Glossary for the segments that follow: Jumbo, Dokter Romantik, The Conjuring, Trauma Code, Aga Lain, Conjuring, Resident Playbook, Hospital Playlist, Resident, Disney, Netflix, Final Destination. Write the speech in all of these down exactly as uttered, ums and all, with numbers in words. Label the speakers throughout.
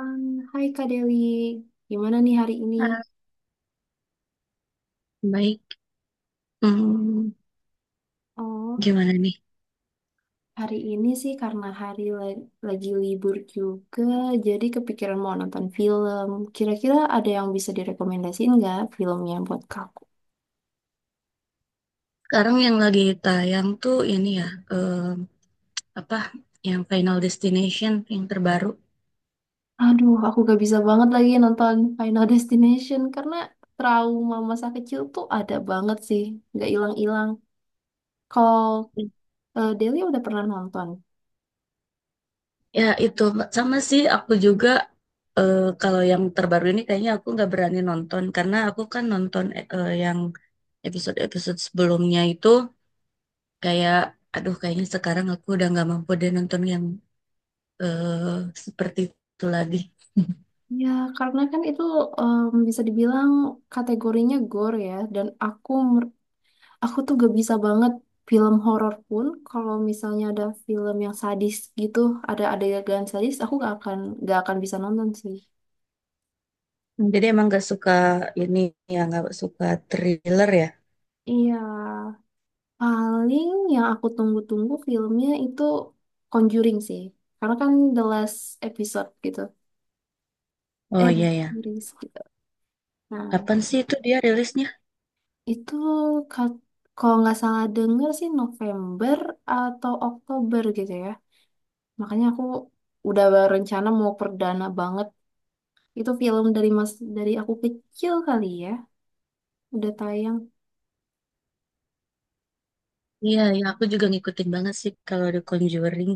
Speaker 1: Um, Hai Kak Deli, gimana nih hari ini?
Speaker 2: Ah, baik. Hmm,
Speaker 1: Oh,
Speaker 2: Gimana nih?
Speaker 1: hari ini sih karena hari la- lagi libur juga, jadi kepikiran mau nonton film. Kira-kira ada yang bisa direkomendasiin nggak filmnya buat kaku?
Speaker 2: Sekarang yang lagi tayang tuh ini ya, eh, apa yang Final Destination yang terbaru.
Speaker 1: Aduh, aku gak bisa banget lagi nonton Final Destination karena trauma masa kecil tuh ada banget sih, nggak hilang-hilang. Kalau eh, Deli udah pernah nonton?
Speaker 2: Ya itu, Mbak. Sama sih, aku juga. Eh, kalau yang terbaru ini kayaknya aku nggak berani nonton karena aku kan nonton eh, yang episode-episode sebelumnya itu kayak, aduh, kayaknya sekarang aku udah nggak mampu deh nonton yang eh, seperti itu lagi.
Speaker 1: Ya, karena kan itu em, bisa dibilang kategorinya gore ya, dan aku Aku tuh gak bisa banget film horor pun kalau misalnya ada film yang sadis gitu, ada adegan sadis, aku gak akan gak akan bisa nonton sih.
Speaker 2: Hmm, Jadi emang nggak suka ini, ya nggak suka thriller ya.
Speaker 1: Iya, paling yang aku tunggu-tunggu filmnya itu Conjuring sih. Karena kan the last episode gitu.
Speaker 2: Oh
Speaker 1: Eh, the
Speaker 2: iya ya.
Speaker 1: series gitu. Nah,
Speaker 2: Kapan sih itu dia rilisnya?
Speaker 1: itu kat- kalau nggak salah denger sih November atau Oktober gitu ya. Makanya aku udah rencana mau perdana banget. Itu film dari mas dari aku kecil kali ya, udah tayang.
Speaker 2: Iya, ya aku juga ngikutin banget sih kalau The Conjuring.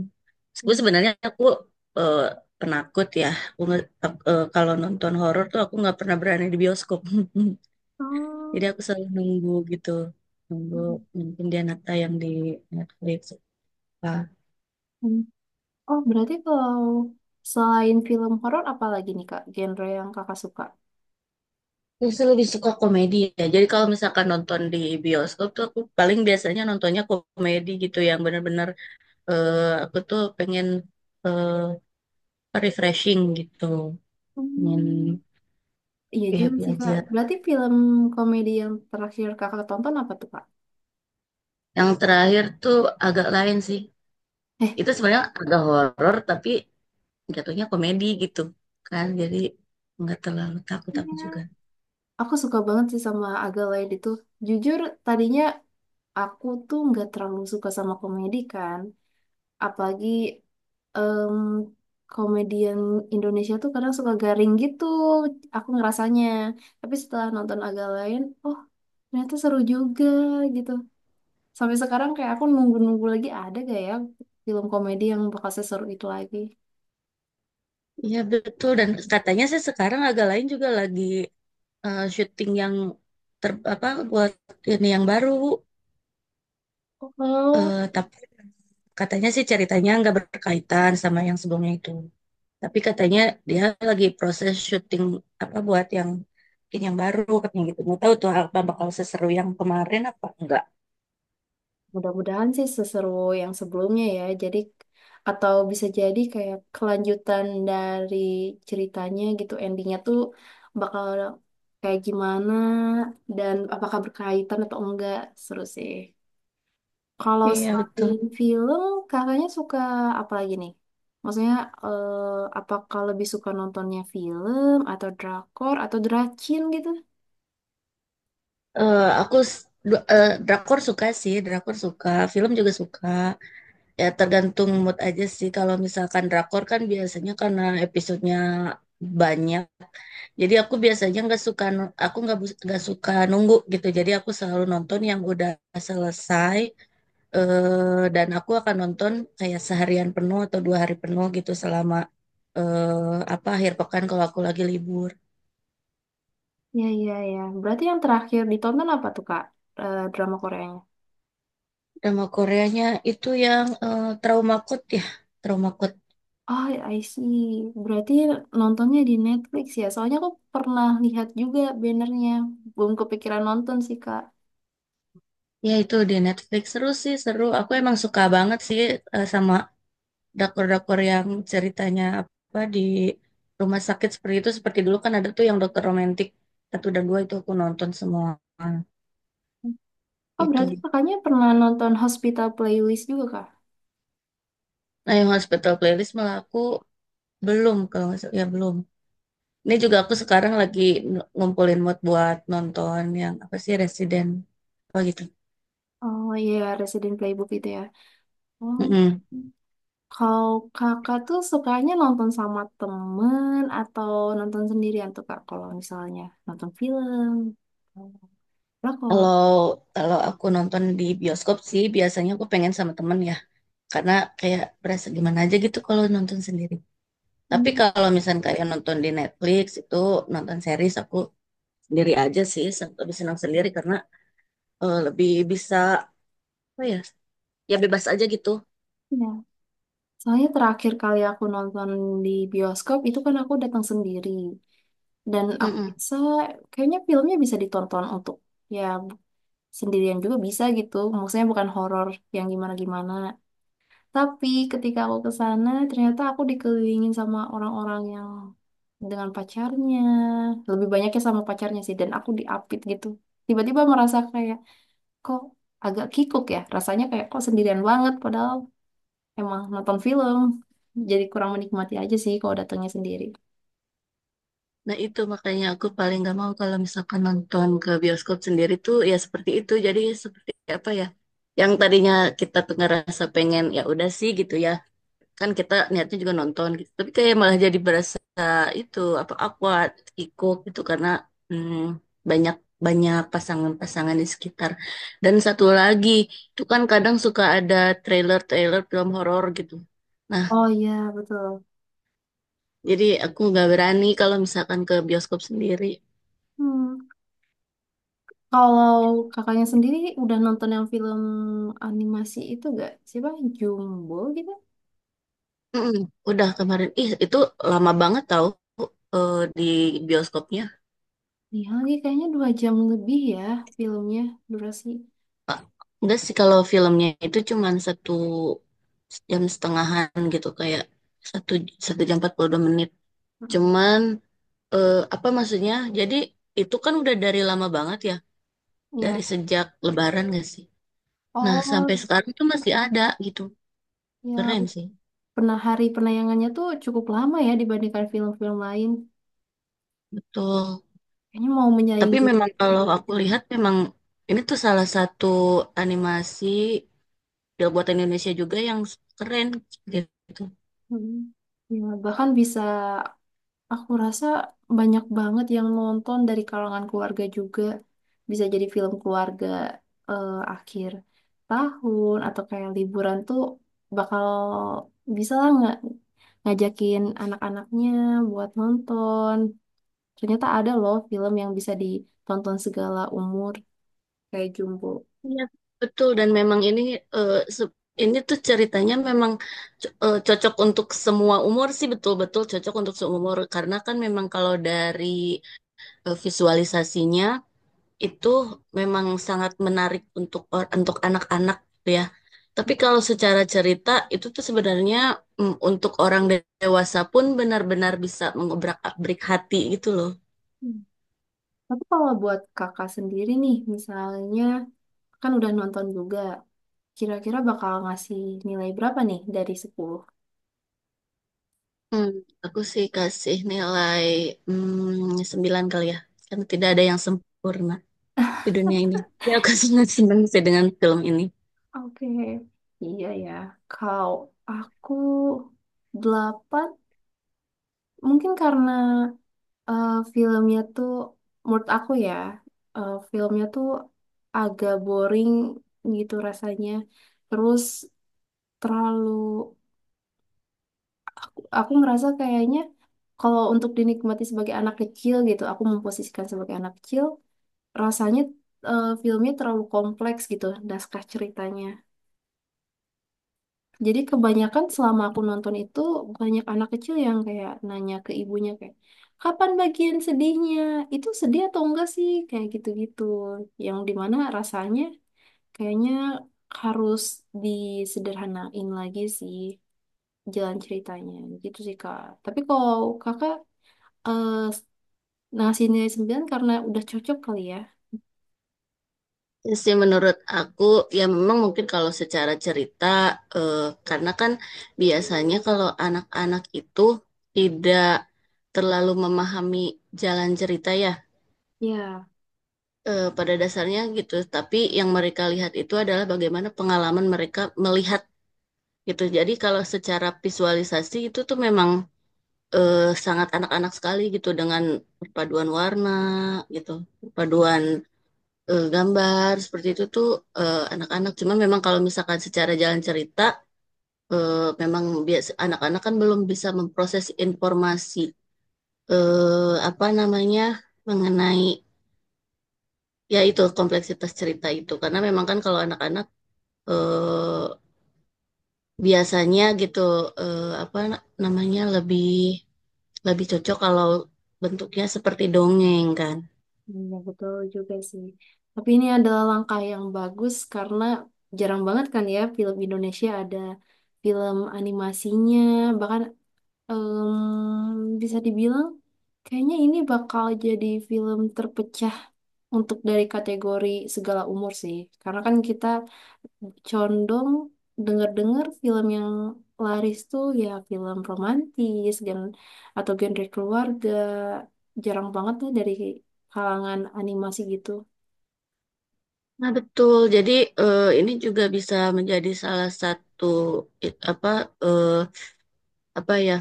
Speaker 2: Gue
Speaker 1: Hmm.
Speaker 2: sebenarnya, aku eh, penakut ya. Aku nge- ak- eh, kalau nonton horor tuh aku nggak pernah berani di bioskop. Jadi
Speaker 1: Oh,
Speaker 2: aku selalu nunggu gitu. Nunggu mungkin dia nata yang di Netflix apa.
Speaker 1: Mm. Oh, berarti kalau selain film horor apa lagi nih Kak, genre yang Kakak suka?
Speaker 2: Aku sih lebih suka komedi ya. Jadi kalau misalkan nonton di bioskop tuh aku paling biasanya nontonnya komedi gitu yang bener-bener, eh, aku tuh pengen eh, refreshing gitu. Ingin
Speaker 1: Hmm. Iya juga
Speaker 2: happy
Speaker 1: sih Kak.
Speaker 2: aja.
Speaker 1: Berarti film komedi yang terakhir Kakak tonton apa tuh Kak?
Speaker 2: Yang terakhir tuh agak lain sih.
Speaker 1: Eh,
Speaker 2: Itu sebenarnya agak horor tapi jatuhnya komedi gitu kan. Jadi nggak terlalu takut
Speaker 1: Ya.
Speaker 2: aku juga.
Speaker 1: Aku suka banget sih sama Aga Lain itu. Jujur, tadinya aku tuh nggak terlalu suka sama komedi kan. Apalagi em, komedian Indonesia tuh kadang suka garing gitu, aku ngerasanya. Tapi setelah nonton agak lain, oh ternyata seru juga gitu. Sampai sekarang kayak aku nunggu-nunggu lagi ada gak ya film komedi yang bakal seseru itu lagi.
Speaker 2: Iya betul, dan katanya sih sekarang agak lain juga lagi eh, syuting yang ter, apa, buat ini yang baru.
Speaker 1: Oh.
Speaker 2: Eh, tapi katanya sih ceritanya nggak berkaitan sama yang sebelumnya itu. Tapi katanya dia lagi proses syuting apa buat yang bikin yang baru katanya gitu. Nggak tahu tuh apa bakal seseru yang kemarin apa enggak.
Speaker 1: Mudah-mudahan sih seseru yang sebelumnya ya. Jadi atau bisa jadi kayak kelanjutan dari ceritanya gitu. Endingnya tuh bakal kayak gimana dan apakah berkaitan atau enggak. Seru sih. Kalau
Speaker 2: Iya betul.
Speaker 1: selain film, kakaknya suka apa lagi nih? Maksudnya eh, apakah lebih suka nontonnya film atau drakor atau dracin gitu?
Speaker 2: Eh, aku s- du- eh, Drakor suka sih, drakor suka, film juga suka. Ya tergantung mood aja sih. Kalau misalkan drakor kan biasanya karena episodenya banyak. Jadi aku biasanya nggak suka, aku nggak bus- nggak suka nunggu gitu. Jadi aku selalu nonton yang udah selesai. Eh, dan aku akan nonton kayak seharian penuh atau dua hari penuh gitu selama eh, apa akhir pekan kalau aku lagi libur.
Speaker 1: Ya, ya, ya. Berarti yang terakhir ditonton apa tuh, Kak? Eh, drama Koreanya?
Speaker 2: Drama Koreanya itu yang eh, Trauma Code ya, Trauma Code.
Speaker 1: Oh, ya, I see. Berarti nontonnya di Netflix ya? Soalnya aku pernah lihat juga bannernya. Belum kepikiran nonton sih, Kak.
Speaker 2: Ya, itu di Netflix seru sih seru. Aku emang suka banget sih eh, sama drakor-drakor yang ceritanya apa di rumah sakit seperti itu. Seperti dulu kan ada tuh yang Dokter Romantik satu dan dua itu aku nonton semua
Speaker 1: Oh, berarti
Speaker 2: itu.
Speaker 1: kakaknya pernah nonton Hospital Playlist juga, Kak?
Speaker 2: Nah yang Hospital Playlist malah aku belum, kalau nggak salah- ya belum. Ini juga aku sekarang lagi n- ngumpulin mood buat nonton yang apa sih Resident apa gitu.
Speaker 1: Oh iya, Resident Playbook itu ya. Oh.
Speaker 2: Mm-mm.
Speaker 1: Kalau kakak tuh sukanya nonton sama temen atau nonton sendirian tuh, Kak? Kalau misalnya nonton film. Oh. Lah, kalau...
Speaker 2: Kalau kalau aku nonton di bioskop sih biasanya aku pengen sama temen ya, karena kayak berasa gimana aja gitu kalau nonton sendiri. Tapi
Speaker 1: Hmm,
Speaker 2: kalau misalnya kayak nonton di Netflix itu nonton series aku sendiri aja sih, sen- lebih senang sendiri karena eh, lebih bisa apa ya, ya bebas aja gitu.
Speaker 1: ya. Soalnya terakhir kali aku nonton di bioskop itu kan aku datang sendiri. Dan aku
Speaker 2: Mm-mm.
Speaker 1: rasa kayaknya filmnya bisa ditonton untuk ya sendirian juga bisa gitu. Maksudnya bukan horor yang gimana-gimana. Tapi ketika aku ke sana ternyata aku dikelilingin sama orang-orang yang dengan pacarnya. Lebih banyaknya sama pacarnya sih dan aku diapit gitu. Tiba-tiba merasa kayak kok agak kikuk ya. Rasanya kayak kok sendirian banget padahal emang nonton film. Jadi kurang menikmati aja sih kalau datangnya sendiri.
Speaker 2: Nah itu makanya aku paling gak mau kalau misalkan nonton ke bioskop sendiri tuh ya seperti itu. Jadi seperti apa ya? Yang tadinya kita tuh ngerasa pengen ya udah sih gitu ya. Kan kita niatnya juga nonton gitu. Tapi kayak malah jadi berasa itu apa awkward, ikut gitu karena hmm, banyak banyak pasangan-pasangan di sekitar. Dan satu lagi, itu kan kadang suka ada trailer-trailer film horor gitu. Nah,
Speaker 1: Oh iya, betul.
Speaker 2: jadi aku nggak berani kalau misalkan ke bioskop sendiri.
Speaker 1: Hmm. Kalau kakaknya sendiri udah nonton yang film animasi itu gak? Siapa? Jumbo gitu?
Speaker 2: Mm-mm, udah kemarin. Ih, itu lama banget tau eh, di bioskopnya.
Speaker 1: Nih lagi kayaknya dua jam lebih ya filmnya durasi.
Speaker 2: Pak. Enggak sih kalau filmnya itu cuman satu jam setengahan gitu kayak satu satu jam empat puluh dua menit.
Speaker 1: Mm-mm.
Speaker 2: Cuman eh, apa maksudnya? Jadi itu kan udah dari lama banget ya, dari
Speaker 1: Ya.
Speaker 2: sejak Lebaran gak sih? Nah sampai
Speaker 1: Oh,
Speaker 2: sekarang tuh masih ada gitu.
Speaker 1: ya
Speaker 2: Keren sih,
Speaker 1: pernah hari penayangannya tuh cukup lama ya dibandingkan film-film lain.
Speaker 2: betul.
Speaker 1: Kayaknya mau
Speaker 2: Tapi
Speaker 1: menyaingi.
Speaker 2: memang kalau aku lihat memang ini tuh salah satu animasi. Model buatan Indonesia juga yang keren gitu.
Speaker 1: Mm. Ya, bahkan bisa, aku rasa banyak banget yang nonton dari kalangan keluarga juga. Bisa jadi film keluarga eh, akhir tahun atau kayak liburan tuh bakal bisa lah nggak ngajakin anak-anaknya buat nonton. Ternyata ada loh film yang bisa ditonton segala umur kayak Jumbo.
Speaker 2: Iya, betul dan memang ini eh, se- ini tuh ceritanya memang co- eh, cocok untuk semua umur sih, betul-betul cocok untuk semua umur karena kan memang kalau dari eh, visualisasinya itu memang sangat menarik untuk or- untuk anak-anak gitu ya. Tapi kalau secara cerita itu tuh sebenarnya mm, untuk orang dewasa pun benar-benar bisa mengobrak-abrik hati gitu loh.
Speaker 1: Hmm. Tapi kalau buat kakak sendiri nih, misalnya kan udah nonton juga, kira-kira bakal ngasih nilai berapa nih dari sepuluh?
Speaker 2: Hmm, aku sih kasih nilai hmm, sembilan kali ya. Karena tidak ada yang sempurna di dunia ini. Ya, aku sangat senang sih dengan film ini.
Speaker 1: Oke, iya ya. Kalau aku delapan, mungkin karena eh, filmnya tuh, menurut aku ya, eh, filmnya tuh agak boring gitu rasanya. Terus terlalu, aku ngerasa kayaknya kalau untuk dinikmati sebagai anak kecil gitu, aku memposisikan sebagai anak kecil, rasanya eh, filmnya terlalu kompleks gitu, naskah ceritanya. Jadi kebanyakan selama aku nonton itu banyak anak kecil yang kayak nanya ke ibunya kayak kapan bagian sedihnya? Itu sedih atau enggak sih? Kayak gitu-gitu. Yang dimana rasanya kayaknya harus disederhanain lagi sih jalan ceritanya gitu sih Kak. Tapi kalau Kakak eh, ngasih nilai sembilan karena udah cocok kali ya.
Speaker 2: Ya sih menurut aku, ya memang mungkin kalau secara cerita, eh, karena kan biasanya kalau anak-anak itu tidak terlalu memahami jalan cerita ya,
Speaker 1: Ya.
Speaker 2: eh, pada dasarnya gitu. Tapi yang mereka lihat itu adalah bagaimana pengalaman mereka melihat gitu. Jadi kalau secara visualisasi itu tuh memang eh, sangat anak-anak sekali gitu dengan perpaduan warna gitu, perpaduan eh, gambar seperti itu tuh eh, anak-anak. Cuma memang kalau misalkan secara jalan cerita, eh, memang biasa anak-anak kan belum bisa memproses informasi eh, apa namanya mengenai ya itu kompleksitas cerita itu. Karena memang kan kalau anak-anak eh, biasanya gitu eh, apa namanya lebih lebih cocok kalau bentuknya seperti dongeng kan.
Speaker 1: Iya, betul juga sih. Tapi ini adalah langkah yang bagus karena jarang banget kan ya film Indonesia ada film animasinya. Bahkan em, bisa dibilang kayaknya ini bakal jadi film terpecah untuk dari kategori segala umur sih. Karena kan kita condong denger-dengar film yang laris tuh ya film romantis gen atau genre keluarga. Jarang banget tuh dari kalangan animasi gitu.
Speaker 2: Nah, betul. Jadi eh, ini juga bisa menjadi salah satu i- apa eh, apa ya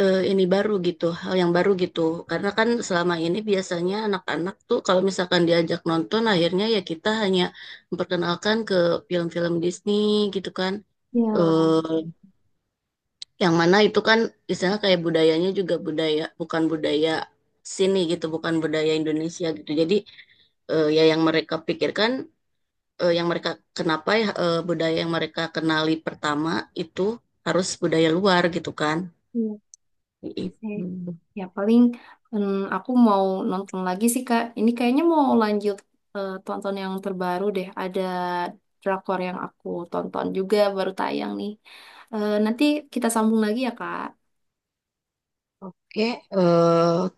Speaker 2: eh, ini baru gitu, hal yang baru gitu. Karena kan selama ini biasanya anak-anak tuh kalau misalkan diajak nonton, akhirnya ya kita hanya memperkenalkan ke film-film Disney gitu kan.
Speaker 1: Ya,
Speaker 2: Eh, yang mana itu kan misalnya kayak budayanya juga budaya, bukan budaya sini gitu, bukan budaya Indonesia gitu. Jadi eh, ya yang mereka pikirkan eh, yang mereka kenapa ya eh, budaya yang mereka kenali pertama itu harus budaya luar gitu kan.
Speaker 1: iya. Eh,
Speaker 2: Gitu.
Speaker 1: Ya paling em, aku mau nonton lagi sih Kak. Ini kayaknya mau lanjut eh, tonton yang terbaru deh. Ada drakor yang aku tonton juga baru tayang nih. Eh, nanti kita sambung lagi ya Kak.
Speaker 2: eh